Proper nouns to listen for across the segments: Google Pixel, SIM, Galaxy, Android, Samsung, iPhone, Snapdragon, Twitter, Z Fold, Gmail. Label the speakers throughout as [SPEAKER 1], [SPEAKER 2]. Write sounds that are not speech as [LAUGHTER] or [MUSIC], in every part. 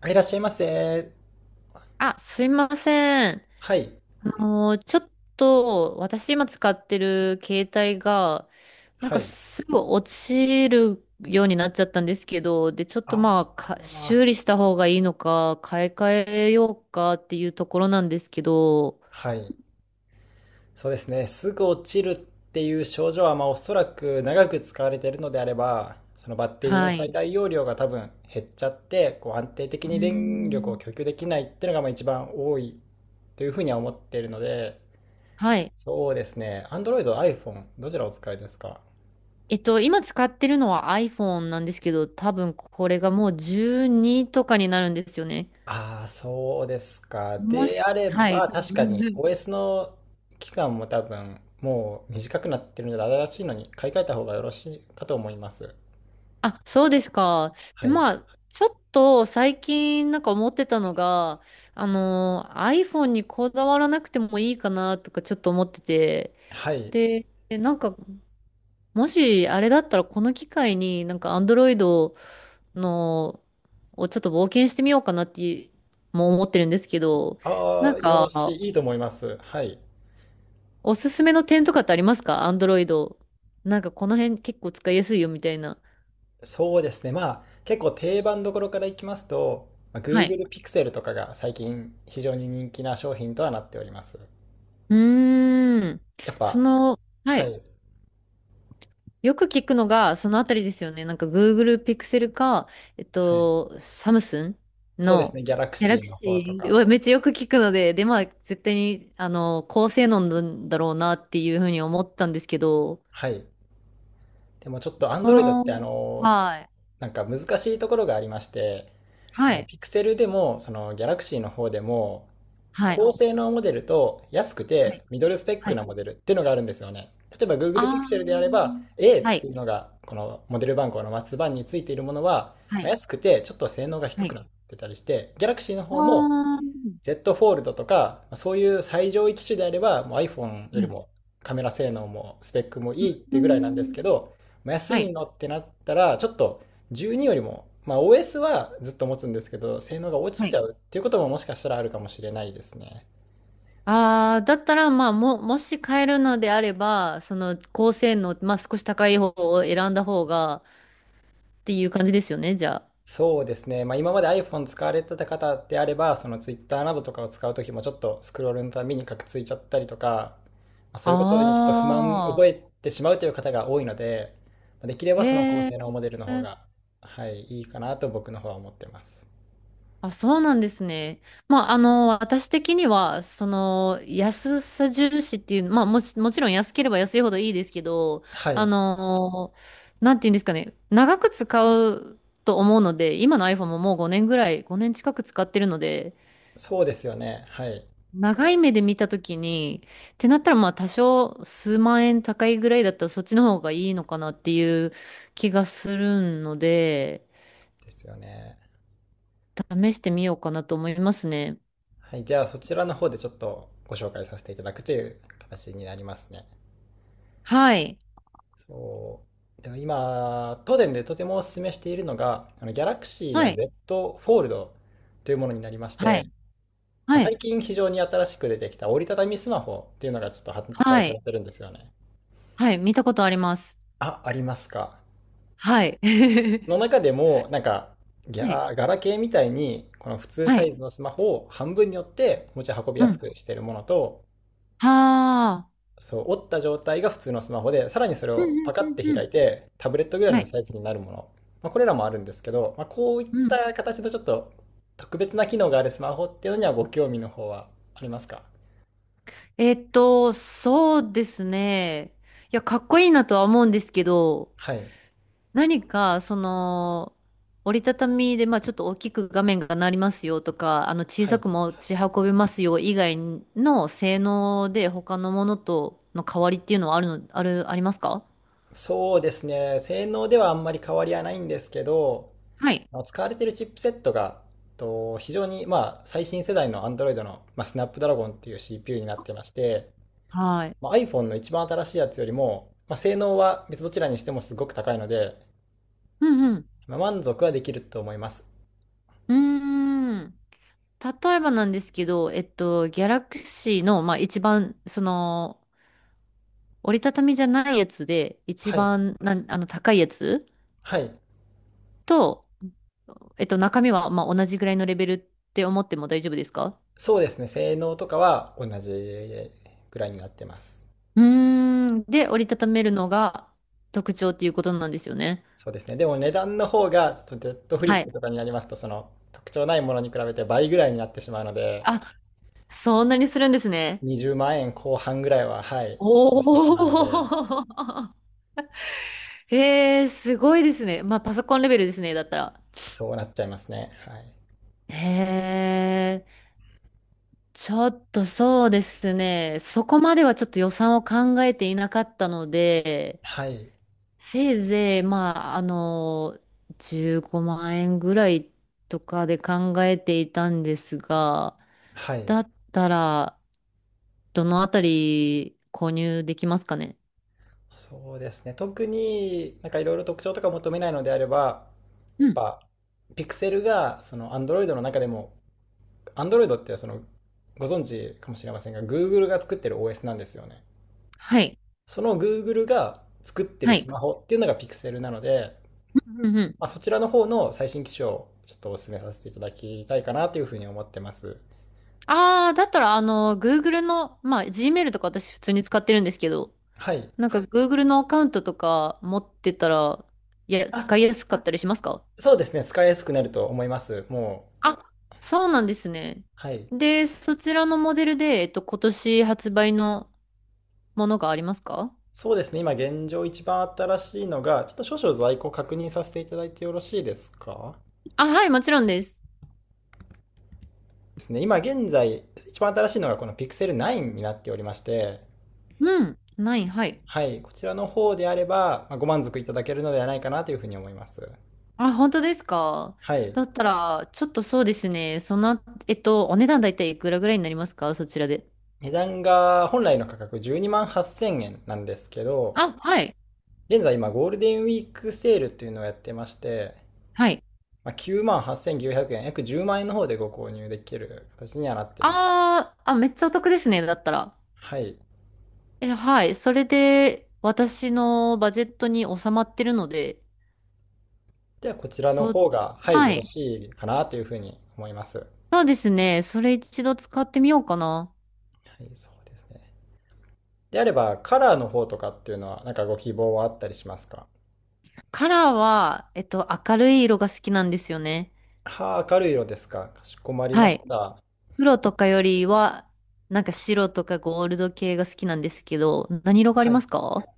[SPEAKER 1] あいらっしゃいませ。
[SPEAKER 2] あ、すいません。
[SPEAKER 1] はい。
[SPEAKER 2] ちょっと、私今使ってる携帯が、なん
[SPEAKER 1] は
[SPEAKER 2] か
[SPEAKER 1] い。
[SPEAKER 2] すぐ落ちるようになっちゃったんですけど、で、ちょっと
[SPEAKER 1] あ
[SPEAKER 2] まあ、か
[SPEAKER 1] あ、
[SPEAKER 2] 修理した方がいいのか、買い替えようかっていうところなんですけど。
[SPEAKER 1] はい。そうですね。すぐ落ちるっていう症状は、まあ、おそらく長く使われているのであれば、そのバッテリーの
[SPEAKER 2] は
[SPEAKER 1] 最
[SPEAKER 2] い。
[SPEAKER 1] 大容量が多分減っちゃって、こう安定的
[SPEAKER 2] うー
[SPEAKER 1] に電力を
[SPEAKER 2] ん。
[SPEAKER 1] 供給できないっていうのがまあ一番多いというふうには思っているので、
[SPEAKER 2] はい。
[SPEAKER 1] そうですね。Android、iPhone、どちらお使いですか？
[SPEAKER 2] 今使ってるのは iPhone なんですけど、多分これがもう12とかになるんですよね。
[SPEAKER 1] ああ、そうですか。であれ
[SPEAKER 2] はい。
[SPEAKER 1] ば、確かに
[SPEAKER 2] [LAUGHS]
[SPEAKER 1] OS の期間も多分、もう短くなってるので、新しいのに買い替えた方がよろしいかと思います。
[SPEAKER 2] あ、そうですか。で、
[SPEAKER 1] はい。
[SPEAKER 2] まあ、ちょっと最近なんか思ってたのが、iPhone にこだわらなくてもいいかなとかちょっと思ってて、
[SPEAKER 1] はい。
[SPEAKER 2] でなんか、もしあれだったらこの機会になんか Android のをちょっと冒険してみようかなっても思ってるんですけど、な
[SPEAKER 1] あ
[SPEAKER 2] ん
[SPEAKER 1] あ、よろし
[SPEAKER 2] か、
[SPEAKER 1] い。いいと思います。はい。
[SPEAKER 2] おすすめの点とかってありますか、 Android？なんかこの辺結構使いやすいよみたいな。
[SPEAKER 1] そうですね。まあ、結構定番どころからいきますと、まあ
[SPEAKER 2] はい。
[SPEAKER 1] Google Pixel とかが最近非常に人気な商品とはなっております。
[SPEAKER 2] うーん。
[SPEAKER 1] やっ
[SPEAKER 2] そ
[SPEAKER 1] ぱ、
[SPEAKER 2] の、は
[SPEAKER 1] は
[SPEAKER 2] い。
[SPEAKER 1] い。
[SPEAKER 2] よく聞くのが、そのあたりですよね。なんか Google Pixel か、
[SPEAKER 1] はい。
[SPEAKER 2] サムスン
[SPEAKER 1] そうです
[SPEAKER 2] の
[SPEAKER 1] ね。Galaxy の方と
[SPEAKER 2] Galaxy は
[SPEAKER 1] か。
[SPEAKER 2] めっちゃよく聞くので、で、まあ、絶対に、高性能なんだろうなっていうふうに思ったんですけど。
[SPEAKER 1] はい。でもちょっと
[SPEAKER 2] そ
[SPEAKER 1] Android って
[SPEAKER 2] の、はい。
[SPEAKER 1] なんか難しいところがありまして、
[SPEAKER 2] は
[SPEAKER 1] あの、
[SPEAKER 2] い。
[SPEAKER 1] ピクセルでも、その、ギャラクシーの方でも、
[SPEAKER 2] はい。
[SPEAKER 1] 高性能モデルと安く
[SPEAKER 2] はい。
[SPEAKER 1] てミドルスペッ
[SPEAKER 2] は
[SPEAKER 1] クな
[SPEAKER 2] い。
[SPEAKER 1] モデルっていうのがあるんですよね。例えば Google
[SPEAKER 2] あ
[SPEAKER 1] Pixel であれば
[SPEAKER 2] ー。
[SPEAKER 1] A っ
[SPEAKER 2] は
[SPEAKER 1] て
[SPEAKER 2] い。
[SPEAKER 1] いうのがこのモデル番号の末番についているものは、
[SPEAKER 2] は
[SPEAKER 1] まあ
[SPEAKER 2] い。
[SPEAKER 1] 安くてちょっと性能が低
[SPEAKER 2] は
[SPEAKER 1] くな
[SPEAKER 2] い。
[SPEAKER 1] ってたりして、 Galaxy の
[SPEAKER 2] あ
[SPEAKER 1] 方も
[SPEAKER 2] ー。
[SPEAKER 1] Z フォールドとか、そういう最上位機種であれば、もう iPhone よ
[SPEAKER 2] は
[SPEAKER 1] り
[SPEAKER 2] い。
[SPEAKER 1] もカメラ性能もスペックも
[SPEAKER 2] う
[SPEAKER 1] いいっ
[SPEAKER 2] ー
[SPEAKER 1] てぐらいなんです
[SPEAKER 2] ん。
[SPEAKER 1] けど、まあ安
[SPEAKER 2] は
[SPEAKER 1] い
[SPEAKER 2] い。
[SPEAKER 1] のってなったら、ちょっと12よりも、まあ OS はずっと持つんですけど、性能が落
[SPEAKER 2] は
[SPEAKER 1] ちち
[SPEAKER 2] い。
[SPEAKER 1] ゃうっていうことももしかしたらあるかもしれないですね。
[SPEAKER 2] ああ、だったら、まあ、もし買えるのであれば、その高性能、まあ、少し高い方を選んだ方が、っていう感じですよね、じゃ
[SPEAKER 1] そうですね。まあ、今まで iPhone 使われてた方であれば、その Twitter などとかを使うときもちょっとスクロールのたびにカクついちゃったりとか、まあ、
[SPEAKER 2] あ。
[SPEAKER 1] そういうことにちょっと不満
[SPEAKER 2] あ
[SPEAKER 1] 覚え
[SPEAKER 2] あ、
[SPEAKER 1] てしまうという方が多いので、まあできればその高
[SPEAKER 2] へえ。
[SPEAKER 1] 性能モデルの方が、はい、いいかなと僕の方は思ってます。
[SPEAKER 2] あ、そうなんですね。まあ、私的には、その安さ重視っていう、まあ、もし、もちろん安ければ安いほどいいですけど、
[SPEAKER 1] は
[SPEAKER 2] あ
[SPEAKER 1] い、
[SPEAKER 2] の、なんていうんですかね、長く使うと思うので、今の iPhone ももう5年ぐらい、5年近く使ってるので、
[SPEAKER 1] そうですよね。はい、
[SPEAKER 2] 長い目で見たときに、ってなったらまあ多少数万円高いぐらいだったらそっちの方がいいのかなっていう気がするので、
[SPEAKER 1] ですよね。
[SPEAKER 2] 試してみようかなと思いますね。
[SPEAKER 1] はい、じゃあそちらの方でちょっとご紹介させていただくという形になりますね。
[SPEAKER 2] はい。
[SPEAKER 1] そう。でも今、東電でとてもお勧めしているのが、あの Galaxy
[SPEAKER 2] は
[SPEAKER 1] の
[SPEAKER 2] い。
[SPEAKER 1] Z フォールドというものになりまし
[SPEAKER 2] はい。
[SPEAKER 1] て、まあ、
[SPEAKER 2] はい。
[SPEAKER 1] 最近非常に新しく出てきた折りたたみスマホというのがちょっと発
[SPEAKER 2] は
[SPEAKER 1] 売さ
[SPEAKER 2] い。
[SPEAKER 1] れてるんですよね。
[SPEAKER 2] はい。見たことあります。
[SPEAKER 1] あ、ありますか。
[SPEAKER 2] はい。[LAUGHS]
[SPEAKER 1] の中でも、なんか、ギ
[SPEAKER 2] はい。
[SPEAKER 1] ャガラケーみたいに、この普通
[SPEAKER 2] は
[SPEAKER 1] サ
[SPEAKER 2] い。
[SPEAKER 1] イズのスマホを半分に折って持ち運び
[SPEAKER 2] う
[SPEAKER 1] や
[SPEAKER 2] ん。
[SPEAKER 1] す
[SPEAKER 2] は
[SPEAKER 1] くしているものと、
[SPEAKER 2] あ。
[SPEAKER 1] そう、折った状態が普通のスマホで、さらにそれ
[SPEAKER 2] うんう
[SPEAKER 1] をパ
[SPEAKER 2] ん
[SPEAKER 1] カって
[SPEAKER 2] うんう
[SPEAKER 1] 開
[SPEAKER 2] ん。
[SPEAKER 1] いて、タブレットぐらい
[SPEAKER 2] は
[SPEAKER 1] の
[SPEAKER 2] い。
[SPEAKER 1] サイズになるもの。まあ、これらもあるんですけど、まあ、こういっ
[SPEAKER 2] うん。
[SPEAKER 1] た形のちょっと特別な機能があるスマホっていうのにはご興味の方はありますか？
[SPEAKER 2] そうですね。いや、かっこいいなとは思うんですけど、
[SPEAKER 1] はい。
[SPEAKER 2] 何か、その折りたたみで、まあちょっと大きく画面がなりますよとか、あの小
[SPEAKER 1] は
[SPEAKER 2] さ
[SPEAKER 1] い。
[SPEAKER 2] く持ち運べますよ以外の性能で他のものとの変わりっていうのはあるの、ある、ありますか？
[SPEAKER 1] そうですね。性能ではあんまり変わりはないんですけど、
[SPEAKER 2] はい。
[SPEAKER 1] まあの使われているチップセットが、と非常にまあ最新世代の Android の、まあ、スナップドラゴンっていう CPU になってまして、
[SPEAKER 2] はい。
[SPEAKER 1] まあ、iPhone の一番新しいやつよりも、まあ、性能は別どちらにしてもすごく高いので、
[SPEAKER 2] うんうん。
[SPEAKER 1] まあ、満足はできると思います。
[SPEAKER 2] うーん。例えばなんですけど、ギャラクシーの、まあ一番、その折りたたみじゃないやつで、一
[SPEAKER 1] はい。
[SPEAKER 2] 番なん、高いやつ
[SPEAKER 1] はい。
[SPEAKER 2] と、中身は、まあ同じぐらいのレベルって思っても大丈夫ですか？
[SPEAKER 1] そうですね。性能とかは同じぐらいになってます。
[SPEAKER 2] うーん。で、折りたためるのが特徴っていうことなんですよね。
[SPEAKER 1] そうですね。でも値段の方が、ちょっとデッドフリ
[SPEAKER 2] は
[SPEAKER 1] ッ
[SPEAKER 2] い。
[SPEAKER 1] プとかになりますと、その特徴ないものに比べて倍ぐらいになってしまうので、
[SPEAKER 2] あ、そんなにするんですね。
[SPEAKER 1] 20万円後半ぐらいは、はい、ちょ
[SPEAKER 2] お
[SPEAKER 1] っとしてしまうので、
[SPEAKER 2] ー。[LAUGHS] へえ、すごいですね。まあ、パソコンレベルですね、だったら。
[SPEAKER 1] そうなっちゃいますね。はい。
[SPEAKER 2] へえ、ちょっとそうですね。そこまではちょっと予算を考えていなかったので、
[SPEAKER 1] はい。
[SPEAKER 2] せいぜい、まあ、15万円ぐらいとかで考えていたんですが、
[SPEAKER 1] はい。
[SPEAKER 2] だったら、どのあたり購入できますかね？
[SPEAKER 1] そうですね。特になんかいろいろ特徴とか求めないのであれば、
[SPEAKER 2] うん。
[SPEAKER 1] ぱ、ピクセルが、その、Android の中でも、Android ってその、ご存知かもしれませんが、Google が作ってる OS なんですよね。
[SPEAKER 2] はい。
[SPEAKER 1] その Google が作って
[SPEAKER 2] は
[SPEAKER 1] る
[SPEAKER 2] い。
[SPEAKER 1] スマホっていうのがピクセルなので、
[SPEAKER 2] うんうん。
[SPEAKER 1] まあ、そちらの方の最新機種をちょっとお勧めさせていただきたいかなというふうに思ってます。
[SPEAKER 2] ああ、だったら、Google の、まあ、Gmail とか私普通に使ってるんですけど、
[SPEAKER 1] はい。
[SPEAKER 2] なんか Google のアカウントとか持ってたら、いや、
[SPEAKER 1] あ、
[SPEAKER 2] 使いやすかったりしますか？
[SPEAKER 1] そうですね。使いやすくなると思います。もう。
[SPEAKER 2] あ、そうなんですね。
[SPEAKER 1] はい。
[SPEAKER 2] で、そちらのモデルで、今年発売のものがありますか？
[SPEAKER 1] そうですね。今現状一番新しいのが、ちょっと少々在庫確認させていただいてよろしいですか？
[SPEAKER 2] あ、はい、もちろんです。
[SPEAKER 1] ですね、今現在、一番新しいのがこのピクセル9になっておりまして、
[SPEAKER 2] うん。ない、はい。
[SPEAKER 1] はい、こちらの方であれば、ご満足いただけるのではないかなというふうに思います。
[SPEAKER 2] あ、本当ですか？
[SPEAKER 1] はい。
[SPEAKER 2] だったら、ちょっとそうですね。その、お値段大体いくらぐらいになりますか、そちらで？
[SPEAKER 1] 値段が本来の価格12万8000円なんですけど、
[SPEAKER 2] あ、はい。
[SPEAKER 1] 現在今ゴールデンウィークセールというのをやってまして、
[SPEAKER 2] はい。
[SPEAKER 1] きゅうまあ、9万8900円、約10万円の方でご購入できる形にはなってます。
[SPEAKER 2] あーあ、めっちゃお得ですね、だったら。
[SPEAKER 1] はい。
[SPEAKER 2] え、はい。それで、私のバジェットに収まってるので。
[SPEAKER 1] ではこちらの
[SPEAKER 2] そう、
[SPEAKER 1] 方が、はい、
[SPEAKER 2] は
[SPEAKER 1] よろ
[SPEAKER 2] い。
[SPEAKER 1] しいかなというふうに思います。は
[SPEAKER 2] そうですね。それ一度使ってみようかな。
[SPEAKER 1] い、そうですね。であれば、カラーの方とかっていうのは、なんかご希望はあったりしますか？
[SPEAKER 2] カラーは、明るい色が好きなんですよね。
[SPEAKER 1] はあ、明るい色ですか。かしこまりま
[SPEAKER 2] は
[SPEAKER 1] し
[SPEAKER 2] い。
[SPEAKER 1] た。
[SPEAKER 2] 黒とかよりは、なんか白とかゴールド系が好きなんですけど、何色があり
[SPEAKER 1] は
[SPEAKER 2] ま
[SPEAKER 1] い。
[SPEAKER 2] すか？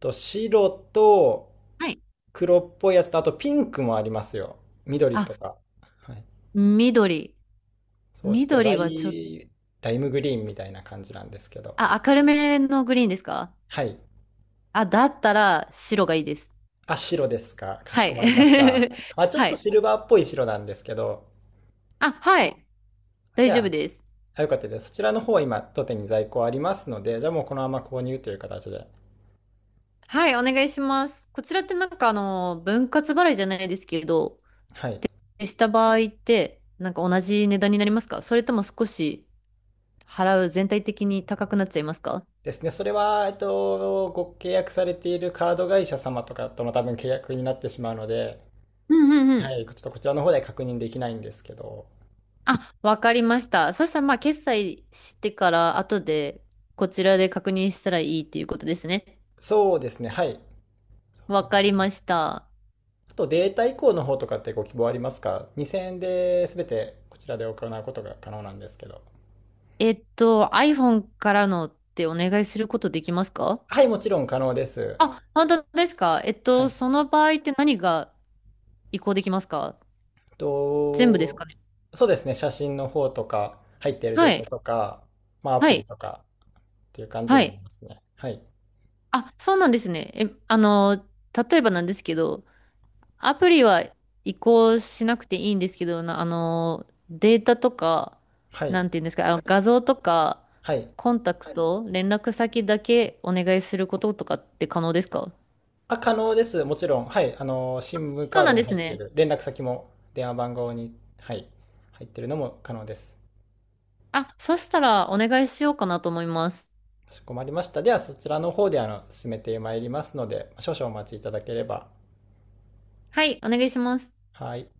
[SPEAKER 1] と、白と
[SPEAKER 2] はい。
[SPEAKER 1] 黒っぽいやつと、あとピンクもありますよ。緑と
[SPEAKER 2] あ、
[SPEAKER 1] か。はい。
[SPEAKER 2] 緑。
[SPEAKER 1] そう、ちょっと
[SPEAKER 2] 緑はちょっと、
[SPEAKER 1] ライムグリーンみたいな感じなんですけど。
[SPEAKER 2] あ、明るめのグリーンですか？
[SPEAKER 1] はい。
[SPEAKER 2] あ、だったら白がいいです。
[SPEAKER 1] あ、白ですか。かし
[SPEAKER 2] は
[SPEAKER 1] こ
[SPEAKER 2] い。
[SPEAKER 1] まりました。
[SPEAKER 2] [LAUGHS]
[SPEAKER 1] まあ、ちょっ
[SPEAKER 2] は
[SPEAKER 1] と
[SPEAKER 2] い。
[SPEAKER 1] シルバーっぽい白なんですけど。
[SPEAKER 2] あ、はい。
[SPEAKER 1] じ
[SPEAKER 2] 大丈夫
[SPEAKER 1] ゃあ、
[SPEAKER 2] です。
[SPEAKER 1] よかったです。そちらの方は今、当店に在庫ありますので、じゃあもうこのまま購入という形で。
[SPEAKER 2] はい、お願いします。こちらってなんか分割払いじゃないですけど、
[SPEAKER 1] はい。
[SPEAKER 2] した場合って、なんか同じ値段になりますか、それとも少し払う全体的に高くなっちゃいますか？
[SPEAKER 1] ですね。それは、えっと、ご契約されているカード会社様とかとも多分契約になってしまうので、
[SPEAKER 2] うんうんう
[SPEAKER 1] は
[SPEAKER 2] ん。
[SPEAKER 1] い、ちょっとこちらの方では確認できないんですけど、
[SPEAKER 2] あ、わかりました。そしたら、まあ、決済してから、後でこちらで確認したらいいっていうことですね。
[SPEAKER 1] そうですね、はい。
[SPEAKER 2] わかりました。
[SPEAKER 1] あとデータ移行の方とかってご希望ありますか？ 2000 円で全てこちらで行うことが可能なんですけど。
[SPEAKER 2] iPhone からのってお願いすることできますか？
[SPEAKER 1] はい、もちろん可能です。
[SPEAKER 2] あ、本当ですか？
[SPEAKER 1] はい。
[SPEAKER 2] その場合って何が移行できますか？
[SPEAKER 1] えっ
[SPEAKER 2] 全部ですか
[SPEAKER 1] と、
[SPEAKER 2] ね？
[SPEAKER 1] そうですね、写真の方とか、入っている
[SPEAKER 2] は
[SPEAKER 1] データ
[SPEAKER 2] い。
[SPEAKER 1] とか、まあア
[SPEAKER 2] は
[SPEAKER 1] プリ
[SPEAKER 2] い。
[SPEAKER 1] とかっていう感じ
[SPEAKER 2] は
[SPEAKER 1] になり
[SPEAKER 2] い。
[SPEAKER 1] ますね。はい。
[SPEAKER 2] あ、そうなんですね。え、例えばなんですけど、アプリは移行しなくていいんですけど、データとか、
[SPEAKER 1] は
[SPEAKER 2] な
[SPEAKER 1] い。
[SPEAKER 2] んていうんですか、あ、画像とか、
[SPEAKER 1] はい。
[SPEAKER 2] コンタクト、連絡先だけお願いすることとかって可能ですか？
[SPEAKER 1] あ、可能です。もちろん。はい。あの、SIM
[SPEAKER 2] そう
[SPEAKER 1] カー
[SPEAKER 2] な
[SPEAKER 1] ド
[SPEAKER 2] ん
[SPEAKER 1] に
[SPEAKER 2] で
[SPEAKER 1] 入
[SPEAKER 2] す
[SPEAKER 1] ってい
[SPEAKER 2] ね。
[SPEAKER 1] る、連絡先も電話番号に、はい、入っているのも可能です。
[SPEAKER 2] あ、そしたらお願いしようかなと思います。
[SPEAKER 1] かしこまりました。では、そちらの方で、あの、進めてまいりますので、少々お待ちいただければ。
[SPEAKER 2] はい、お願いします。
[SPEAKER 1] はい。